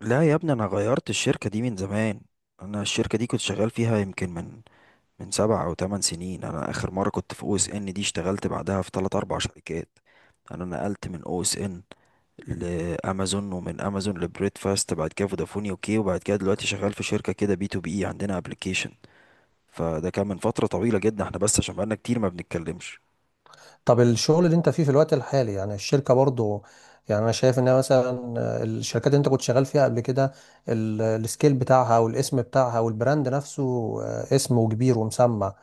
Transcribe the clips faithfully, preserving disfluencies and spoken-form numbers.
لا يا ابني، انا غيرت الشركة دي من زمان. انا الشركة دي كنت شغال فيها يمكن من من سبع او ثمان سنين. انا اخر مرة كنت في او اس ان دي، اشتغلت بعدها في ثلاث اربع شركات. انا نقلت من او اس ان لامازون، ومن امازون لبريد فاست، بعد كده فودافون يوكي، وبعد كده دلوقتي شغال في شركة كده بي تو بي عندنا ابلكيشن. فده كان من فترة طويلة جدا، احنا بس عشان بقالنا كتير ما بنتكلمش. طب الشغل اللي انت فيه في الوقت الحالي، يعني الشركة برضو، يعني انا شايف انها مثلا الشركات اللي انت كنت شغال فيها قبل كده ال- السكيل بتاعها والاسم بتاعها والبراند نفسه، آه، اسم وكبير ومسمع.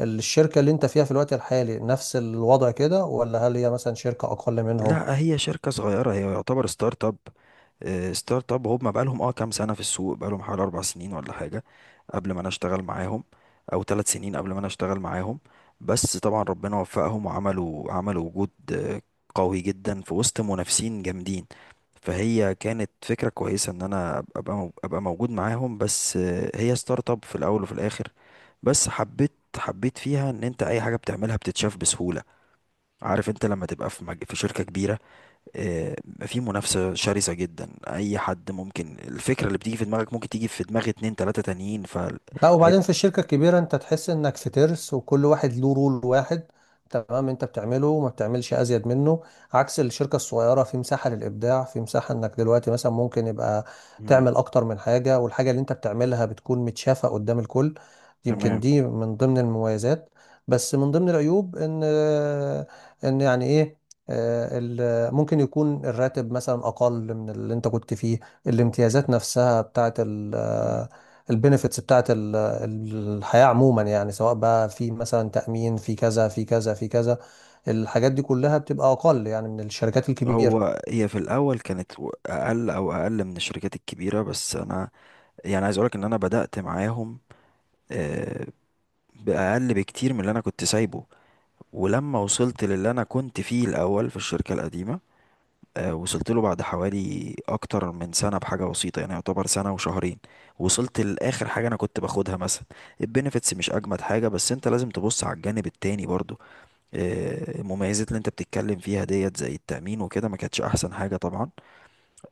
الشركة اللي انت فيها في الوقت الحالي نفس الوضع كده، ولا هل هي مثلا شركة اقل منهم؟ لا، هي شركة صغيرة، هي يعتبر ستارت اب. آه، ستارت اب، هم بقالهم اه كام سنة في السوق؟ بقالهم حوالي أربع سنين ولا حاجة قبل ما أنا أشتغل معاهم، أو ثلاث سنين قبل ما أنا أشتغل معاهم. بس طبعا ربنا وفقهم، وعملوا عملوا وجود آه، قوي جدا في وسط منافسين جامدين. فهي كانت فكرة كويسة إن أنا أبقى أبقى مو- أبقى موجود معاهم، بس آه، هي ستارت اب في الأول وفي الآخر. بس حبيت حبيت فيها إن أنت أي حاجة بتعملها بتتشاف بسهولة. عارف أنت لما تبقى في مج- في شركة كبيرة، آه، في منافسة شرسة جدا، أي حد ممكن الفكرة اللي بتيجي في دماغك ممكن تيجي في دماغ اتنين تلاتة تانيين، لا، وبعدين فهيبقى. في الشركة الكبيرة انت تحس انك في ترس وكل واحد له رول واحد. تمام، انت بتعمله وما بتعملش ازيد منه. عكس الشركة الصغيرة، في مساحة للابداع، في مساحة انك دلوقتي مثلا ممكن يبقى مم. تعمل اكتر من حاجة، والحاجة اللي انت بتعملها بتكون متشافة قدام الكل. يمكن تمام. دي من ضمن المميزات. بس من ضمن العيوب ان ان يعني ايه آه، ال- ممكن يكون الراتب مثلا اقل من اللي انت كنت فيه. الامتيازات نفسها بتاعت ال مم. البنفيتس بتاعت ال- الحياة عموما، يعني سواء بقى في مثلا تأمين، في كذا في كذا في كذا. الحاجات مم. دي كلها بتبقى أقل يعني من الشركات الكبيرة. هو هي في الأول كانت و- أقل، أو أقل من الشركات الكبيرة، بس أنا يعني عايز أقولك إن أنا بدأت معاهم آه، بأقل بكتير من اللي أنا كنت سايبه. ولما وصلت للي أنا كنت فيه الأول في الشركة القديمة، آه، وصلت له بعد حوالي اكتر من سنه بحاجه بسيطه، يعني يعتبر سنه وشهرين وصلت لاخر حاجه انا كنت باخدها مثلا. البنفيتس مش اجمد حاجه، بس انت لازم تبص على الجانب التاني برضو. آه، المميزات اللي انت بتتكلم فيها ديت زي التامين وكده ما كانتش احسن حاجه طبعا،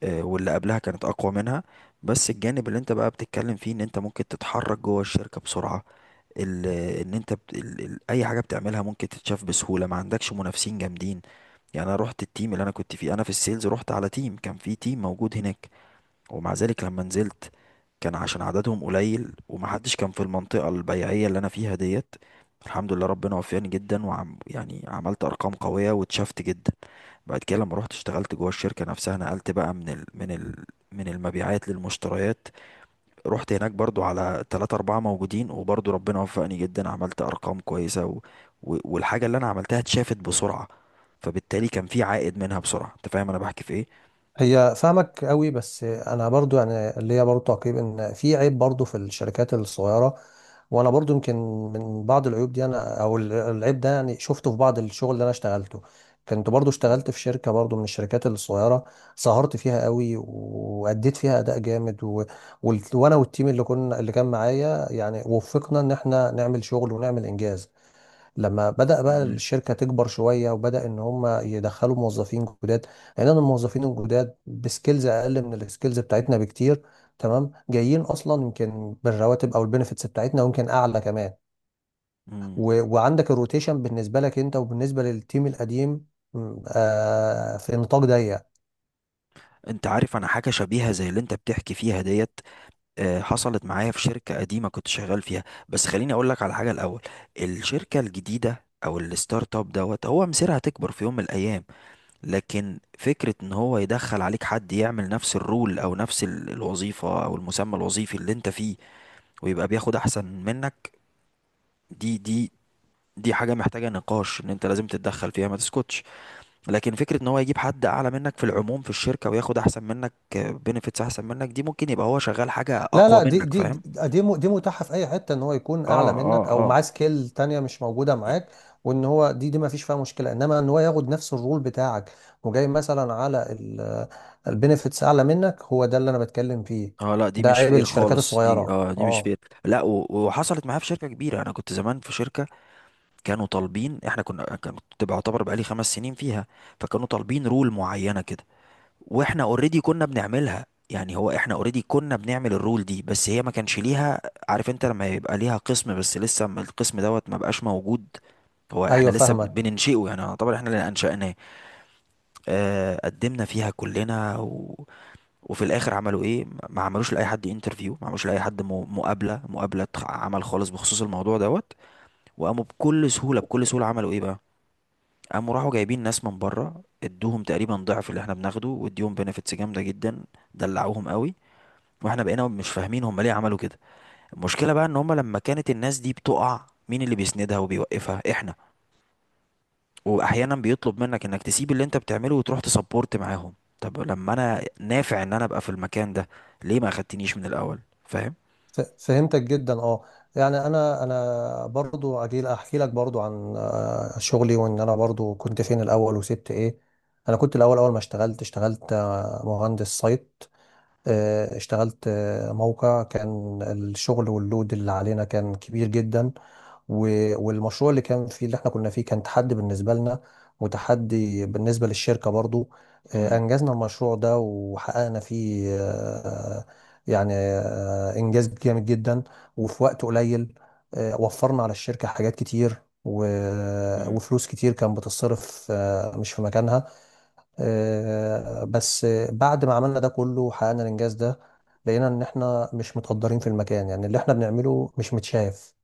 آه، واللي قبلها كانت اقوى منها. بس الجانب اللي انت بقى بتتكلم فيه ان انت ممكن تتحرك جوه الشركه بسرعه، ال- ان انت بت... ال... ال... اي حاجه بتعملها ممكن تتشاف بسهوله، ما عندكش منافسين جامدين. يعني انا رحت التيم اللي انا كنت فيه، انا في السيلز رحت على تيم، كان في تيم موجود هناك، ومع ذلك لما نزلت كان عشان عددهم قليل ومحدش كان في المنطقة البيعية اللي انا فيها ديت. الحمد لله ربنا وفقني جدا وعم يعني عملت ارقام قوية واتشفت جدا. بعد كده لما رحت اشتغلت جوه الشركة نفسها نقلت بقى من ال من ال من المبيعات للمشتريات. رحت هناك برضو على تلاتة أربعة موجودين، وبرضو ربنا وفقني جدا، عملت أرقام كويسة و... و... والحاجة اللي أنا عملتها اتشافت بسرعة، فبالتالي كان في عائد منها بسرعة. أنت فاهم أنا بحكي في إيه؟ هي فاهمك قوي، بس أنا برضو يعني اللي هي برضو تعقيب إن في عيب برضو في الشركات الصغيرة. وانا برضو يمكن من بعض العيوب دي انا او ال- العيب ده يعني شفته في بعض الشغل اللي انا اشتغلته. كنت برضو اشتغلت في شركة برضو من الشركات الصغيرة، سهرت فيها قوي واديت فيها اداء جامد، و... وال- وانا والتيم اللي كنا اللي كان معايا يعني وفقنا ان احنا نعمل شغل ونعمل انجاز. لما بدأ بقى تمام. الشركة تكبر شوية وبدأ إن هم يدخلوا موظفين جداد، لأن أنا الموظفين الجداد بسكيلز أقل من السكيلز بتاعتنا بكتير. تمام، جايين أصلا يمكن بالرواتب أو البنفيتس بتاعتنا ويمكن أعلى كمان. مم. و... وعندك الروتيشن بالنسبة لك أنت وبالنسبة للتيم القديم، م، آه في نطاق ضيق. أنت عارف، أنا حاجة شبيهة زي اللي أنت بتحكي فيها ديت آه، حصلت معايا في شركة قديمة كنت شغال فيها. بس خليني أقول لك على حاجة الأول. الشركة الجديدة أو الستارت اب دوت هو مصيرها تكبر في يوم من الأيام. لكن فكرة ان هو يدخل عليك حد يعمل نفس الرول او نفس ال- الوظيفة او المسمى الوظيفي اللي انت فيه، ويبقى بياخد احسن منك، دي دي دي حاجة محتاجة نقاش، ان انت لازم تتدخل فيها ما تسكتش. لكن فكرة ان هو يجيب حد اعلى منك في العموم في الشركة وياخد احسن منك بنفيتس احسن منك، دي ممكن يبقى هو شغال حاجة لا اقوى لا، دي منك، دي دي فاهم. دي م- دي متاحة في أي حتة، إن هو يكون اه أعلى اه منك أو اه. معاه سكيل تانية مش موجودة معاك. وإن هو دي دي ما فيش فيها مشكلة، إنما إن هو ياخد نفس الرول بتاعك وجاي مثلا على البينفيتس أعلى منك، هو ده اللي أنا بتكلم فيه. اه، لا دي ده مش عيب فير الشركات خالص، دي الصغيرة، اه دي مش أه. فير. لا، و- وحصلت معايا في شركة كبيرة. انا كنت زمان في شركة، كانوا طالبين، احنا كنا كانت تبقى يعتبر بقالي خمس سنين فيها. فكانوا طالبين رول معينة كده، واحنا اوريدي كنا بنعملها، يعني هو احنا اوريدي كنا بنعمل الرول دي، بس هي ما كانش ليها. عارف انت لما يبقى ليها قسم بس لسه ما- القسم دوت ما بقاش موجود، هو احنا أيوه لسه بن- فاهمك. بننشئه، يعني يعتبر احنا اللي انشأناه. آه قدمنا فيها كلنا و... وفي الاخر عملوا ايه؟ ما عملوش لاي حد انترفيو، ما عملوش لاي حد م- مقابلة مقابلة عمل خالص بخصوص الموضوع دوت. وقاموا بكل سهولة، بكل سهولة عملوا ايه بقى، قاموا راحوا جايبين ناس من بره، ادوهم تقريبا ضعف اللي احنا بناخده، واديهم بنفيتس جامده جدا، دلعوهم قوي. واحنا بقينا مش فاهمين هم ليه عملوا كده. المشكله بقى ان هم لما كانت الناس دي بتقع، مين اللي بيسندها وبيوقفها؟ احنا. واحيانا بيطلب منك انك تسيب اللي انت بتعمله وتروح تسبورت معاهم. طب لما انا نافع ان انا ابقى في المكان ده، ليه ما اخدتنيش من الاول؟ فاهم. ف- فهمتك جدا، أه. يعني أنا أنا برضو أجي أحكي لك برضو عن آه، شغلي وإن أنا برضو كنت فين الأول وسبت إيه. أنا كنت الأول، أول ما اشتغلت اشتغلت آه، مهندس سايت. آه، اشتغلت آه، موقع كان الشغل واللود اللي علينا كان كبير جدا. و- والمشروع اللي كان فيه اللي احنا كنا فيه كان تحدي بالنسبة لنا وتحدي بالنسبة للشركة برضو. آه، امم أنجزنا المشروع ده وحققنا فيه آه، يعني آه، إنجاز جامد جدا وفي وقت قليل. آه، وفرنا على الشركة حاجات كتير و- امم وفلوس كتير كان بتصرف آه، مش في مكانها. آه، بس بعد ما عملنا ده كله حققنا الانجاز ده، لقينا ان احنا مش متقدرين في المكان، يعني اللي احنا بنعمله مش متشاف.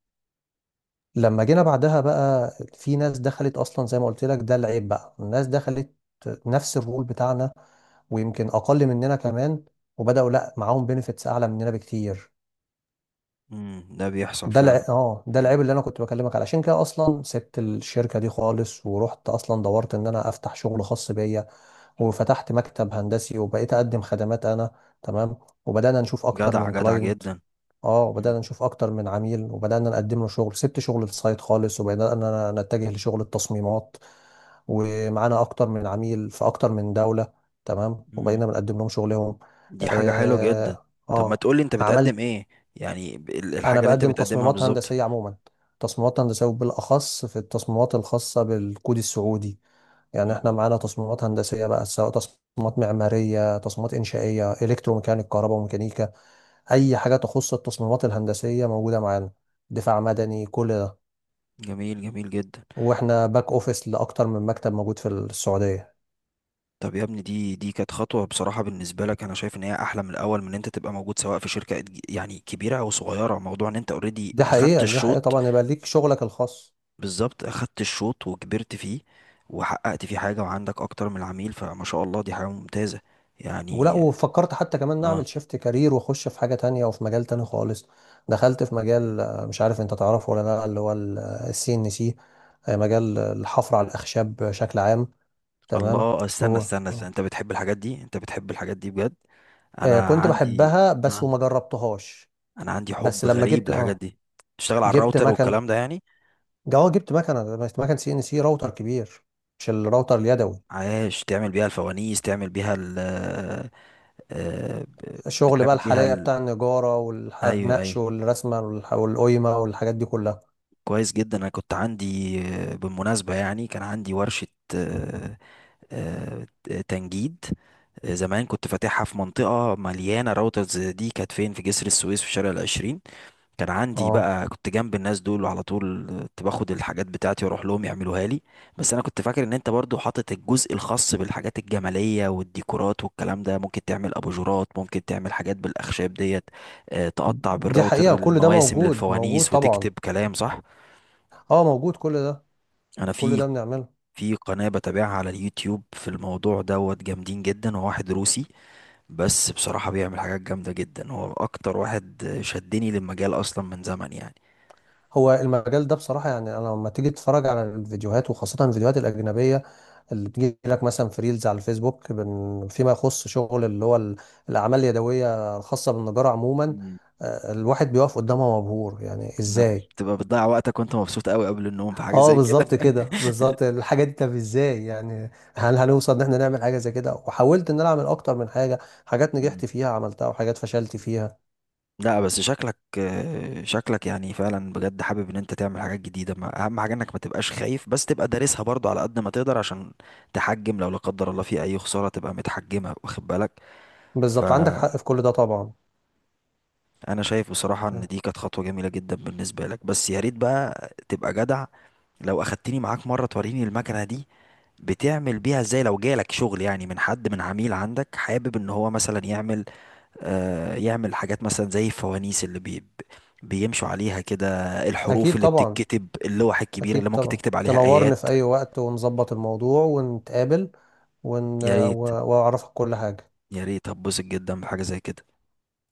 لما جينا بعدها بقى، في ناس دخلت اصلا زي ما قلت لك، ده العيب بقى، الناس دخلت نفس الرول بتاعنا ويمكن اقل مننا كمان، وبداوا لا معاهم بنفيتس اعلى مننا بكتير. امم. ده بيحصل ده فعلا. الع... اه ده مم. العيب اللي انا كنت بكلمك عليه. علشان كده اصلا سبت الشركه دي خالص ورحت اصلا دورت ان انا افتح شغل خاص بيا. وفتحت مكتب هندسي وبقيت اقدم خدمات انا. تمام، وبدانا نشوف اكتر جدع من جدع كلاينت. جدا. اه، مم. وبدانا نشوف اكتر من عميل وبدانا نقدم له شغل، سبت شغل السايت خالص وبدانا نتجه لشغل التصميمات. ومعانا اكتر من عميل في اكتر من دولة. تمام، مم. وبقينا بنقدم لهم شغلهم. دي حاجة حلوة جدا. اه طب ما آه. تقولي انت بتقدم عملت، ايه؟ يعني ب- ال- انا الحاجة اللي انت بقدم بتقدمها تصميمات بالظبط. هندسية عموما. تصميمات هندسية وبالاخص في التصميمات الخاصة بالكود السعودي. يعني مم. احنا معانا تصميمات هندسية بقى، سواء تصميمات معمارية، تصميمات إنشائية، إلكتروميكانيك، كهرباء وميكانيكا. أي حاجة تخص التصميمات الهندسية موجودة معانا، دفاع مدني، كل ده. جميل جميل جدا. واحنا باك أوفيس لأكتر من مكتب موجود في السعودية. طب يا ابني، دي دي كانت خطوة بصراحة بالنسبة لك. انا شايف ان هي احلى من الاول، من ان انت تبقى موجود سواء في شركة ج- يعني كبيرة او صغيرة. موضوع ان انت اوريدي دي اخدت حقيقة، دي حقيقة الشوط، طبعا يبقى ليك شغلك الخاص. بالظبط، اخدت الشوط وكبرت فيه وحققت فيه حاجة وعندك اكتر من العميل، فما شاء الله دي حاجة ممتازة ولا يعني. وفكرت حتى كمان اه. نعمل شيفت كارير واخش في حاجة تانية وفي مجال تاني خالص. دخلت في مجال، آه، مش عارف انت تعرفه ولا لا، اللي هو السي ان سي، مجال الحفر على الأخشاب بشكل عام. تمام. الله، استنى هو استنى، استنى. آه. انت بتحب الحاجات دي؟ انت بتحب الحاجات دي بجد؟ آه انا كنت عندي بحبها بس آه. وما جربتهاش. انا عندي بس حب لما غريب جبت، للحاجات اه دي. تشتغل على جبت الراوتر مكنه، والكلام ده يعني. اه جبت مكنه، بس مكنه سي ان سي راوتر كبير، مش الراوتر اليدوي. عايش تعمل بيها الفوانيس، تعمل بيها ال، آه، ب- الشغل بقى بتعمل بيها الحلاقه ال، بتاع النجاره ايوه والنقش ايوه. والرسمه والح- والقيمه والحاجات دي كلها. كويس جدا. انا كنت عندي، آه، بالمناسبه يعني كان عندي ورشه آه، آه، تنجيد. آه، زمان كنت فاتحها في منطقه مليانه راوترز. دي كانت فين؟ في جسر السويس في شارع العشرين. كان عندي اه بقى كنت جنب الناس دول، وعلى طول كنت باخد الحاجات بتاعتي واروح لهم يعملوها لي. بس انا كنت فاكر ان انت برضو حاطط الجزء الخاص بالحاجات الجمالية والديكورات والكلام ده. ممكن تعمل اباجورات، ممكن تعمل حاجات بالاخشاب ديت، آه، تقطع دي بالراوتر حقيقه، كل ده المواسم موجود، موجود للفوانيس طبعا. وتكتب كلام، صح؟ اه موجود كل ده، انا كل في ده بنعمله. في قناة بتابعها على اليوتيوب في الموضوع دوت، جامدين جدا. هو واحد روسي بس بصراحة بيعمل حاجات جامدة جدا، هو اكتر واحد شدني للمجال اصلا من زمن يعني. هو المجال ده بصراحة، يعني أنا لما تيجي تتفرج على الفيديوهات، وخاصة الفيديوهات الأجنبية اللي بتجي لك مثلا في ريلز على الفيسبوك، بن- فيما يخص شغل اللي هو ال- الأعمال اليدوية الخاصة بالنجارة عموما، آه، الواحد بيقف قدامها مبهور، يعني لو إزاي؟ بتبقى بتضيع وقتك وانت مبسوط قوي قبل النوم في حاجة اه زي كده بالظبط كده، بالظبط الحاجة دي. طب ازاي يعني هل هنوصل ان احنا نعمل حاجة زي كده؟ وحاولت ان انا اعمل اكتر من حاجة، حاجات مم. نجحت فيها عملتها وحاجات فشلت فيها. لا بس شكلك، آه، شكلك يعني فعلا بجد حابب ان انت تعمل حاجات جديدة. ما اهم حاجة انك ما تبقاش خايف، بس تبقى دارسها برضو على قد ما تقدر، عشان تحجم لو لا قدر الله في اي خسارة تبقى متحجمة، واخد بالك. بالظبط، عندك فانا حق في كل ده طبعا. شايف بصراحة ان دي كانت خطوة جميلة جدا بالنسبة لك، بس يا ريت بقى تبقى جدع لو اخدتني معاك مرة توريني المكنة دي بتعمل بيها ازاي. لو جالك شغل يعني من حد، من عميل عندك حابب ان هو مثلا يعمل آه، يعمل حاجات مثلا زي الفوانيس اللي بي بيمشوا عليها كده، الحروف اكيد اللي طبعا، بتتكتب، اللوح الكبيرة أكيد اللي ممكن طبعا تكتب عليها تنورني في آيات. أي وقت، ونظبط الموضوع ونتقابل ون... يا و... ريت وأعرفك كل حاجة. يا ريت. هتبسط جدا بحاجة زي كده.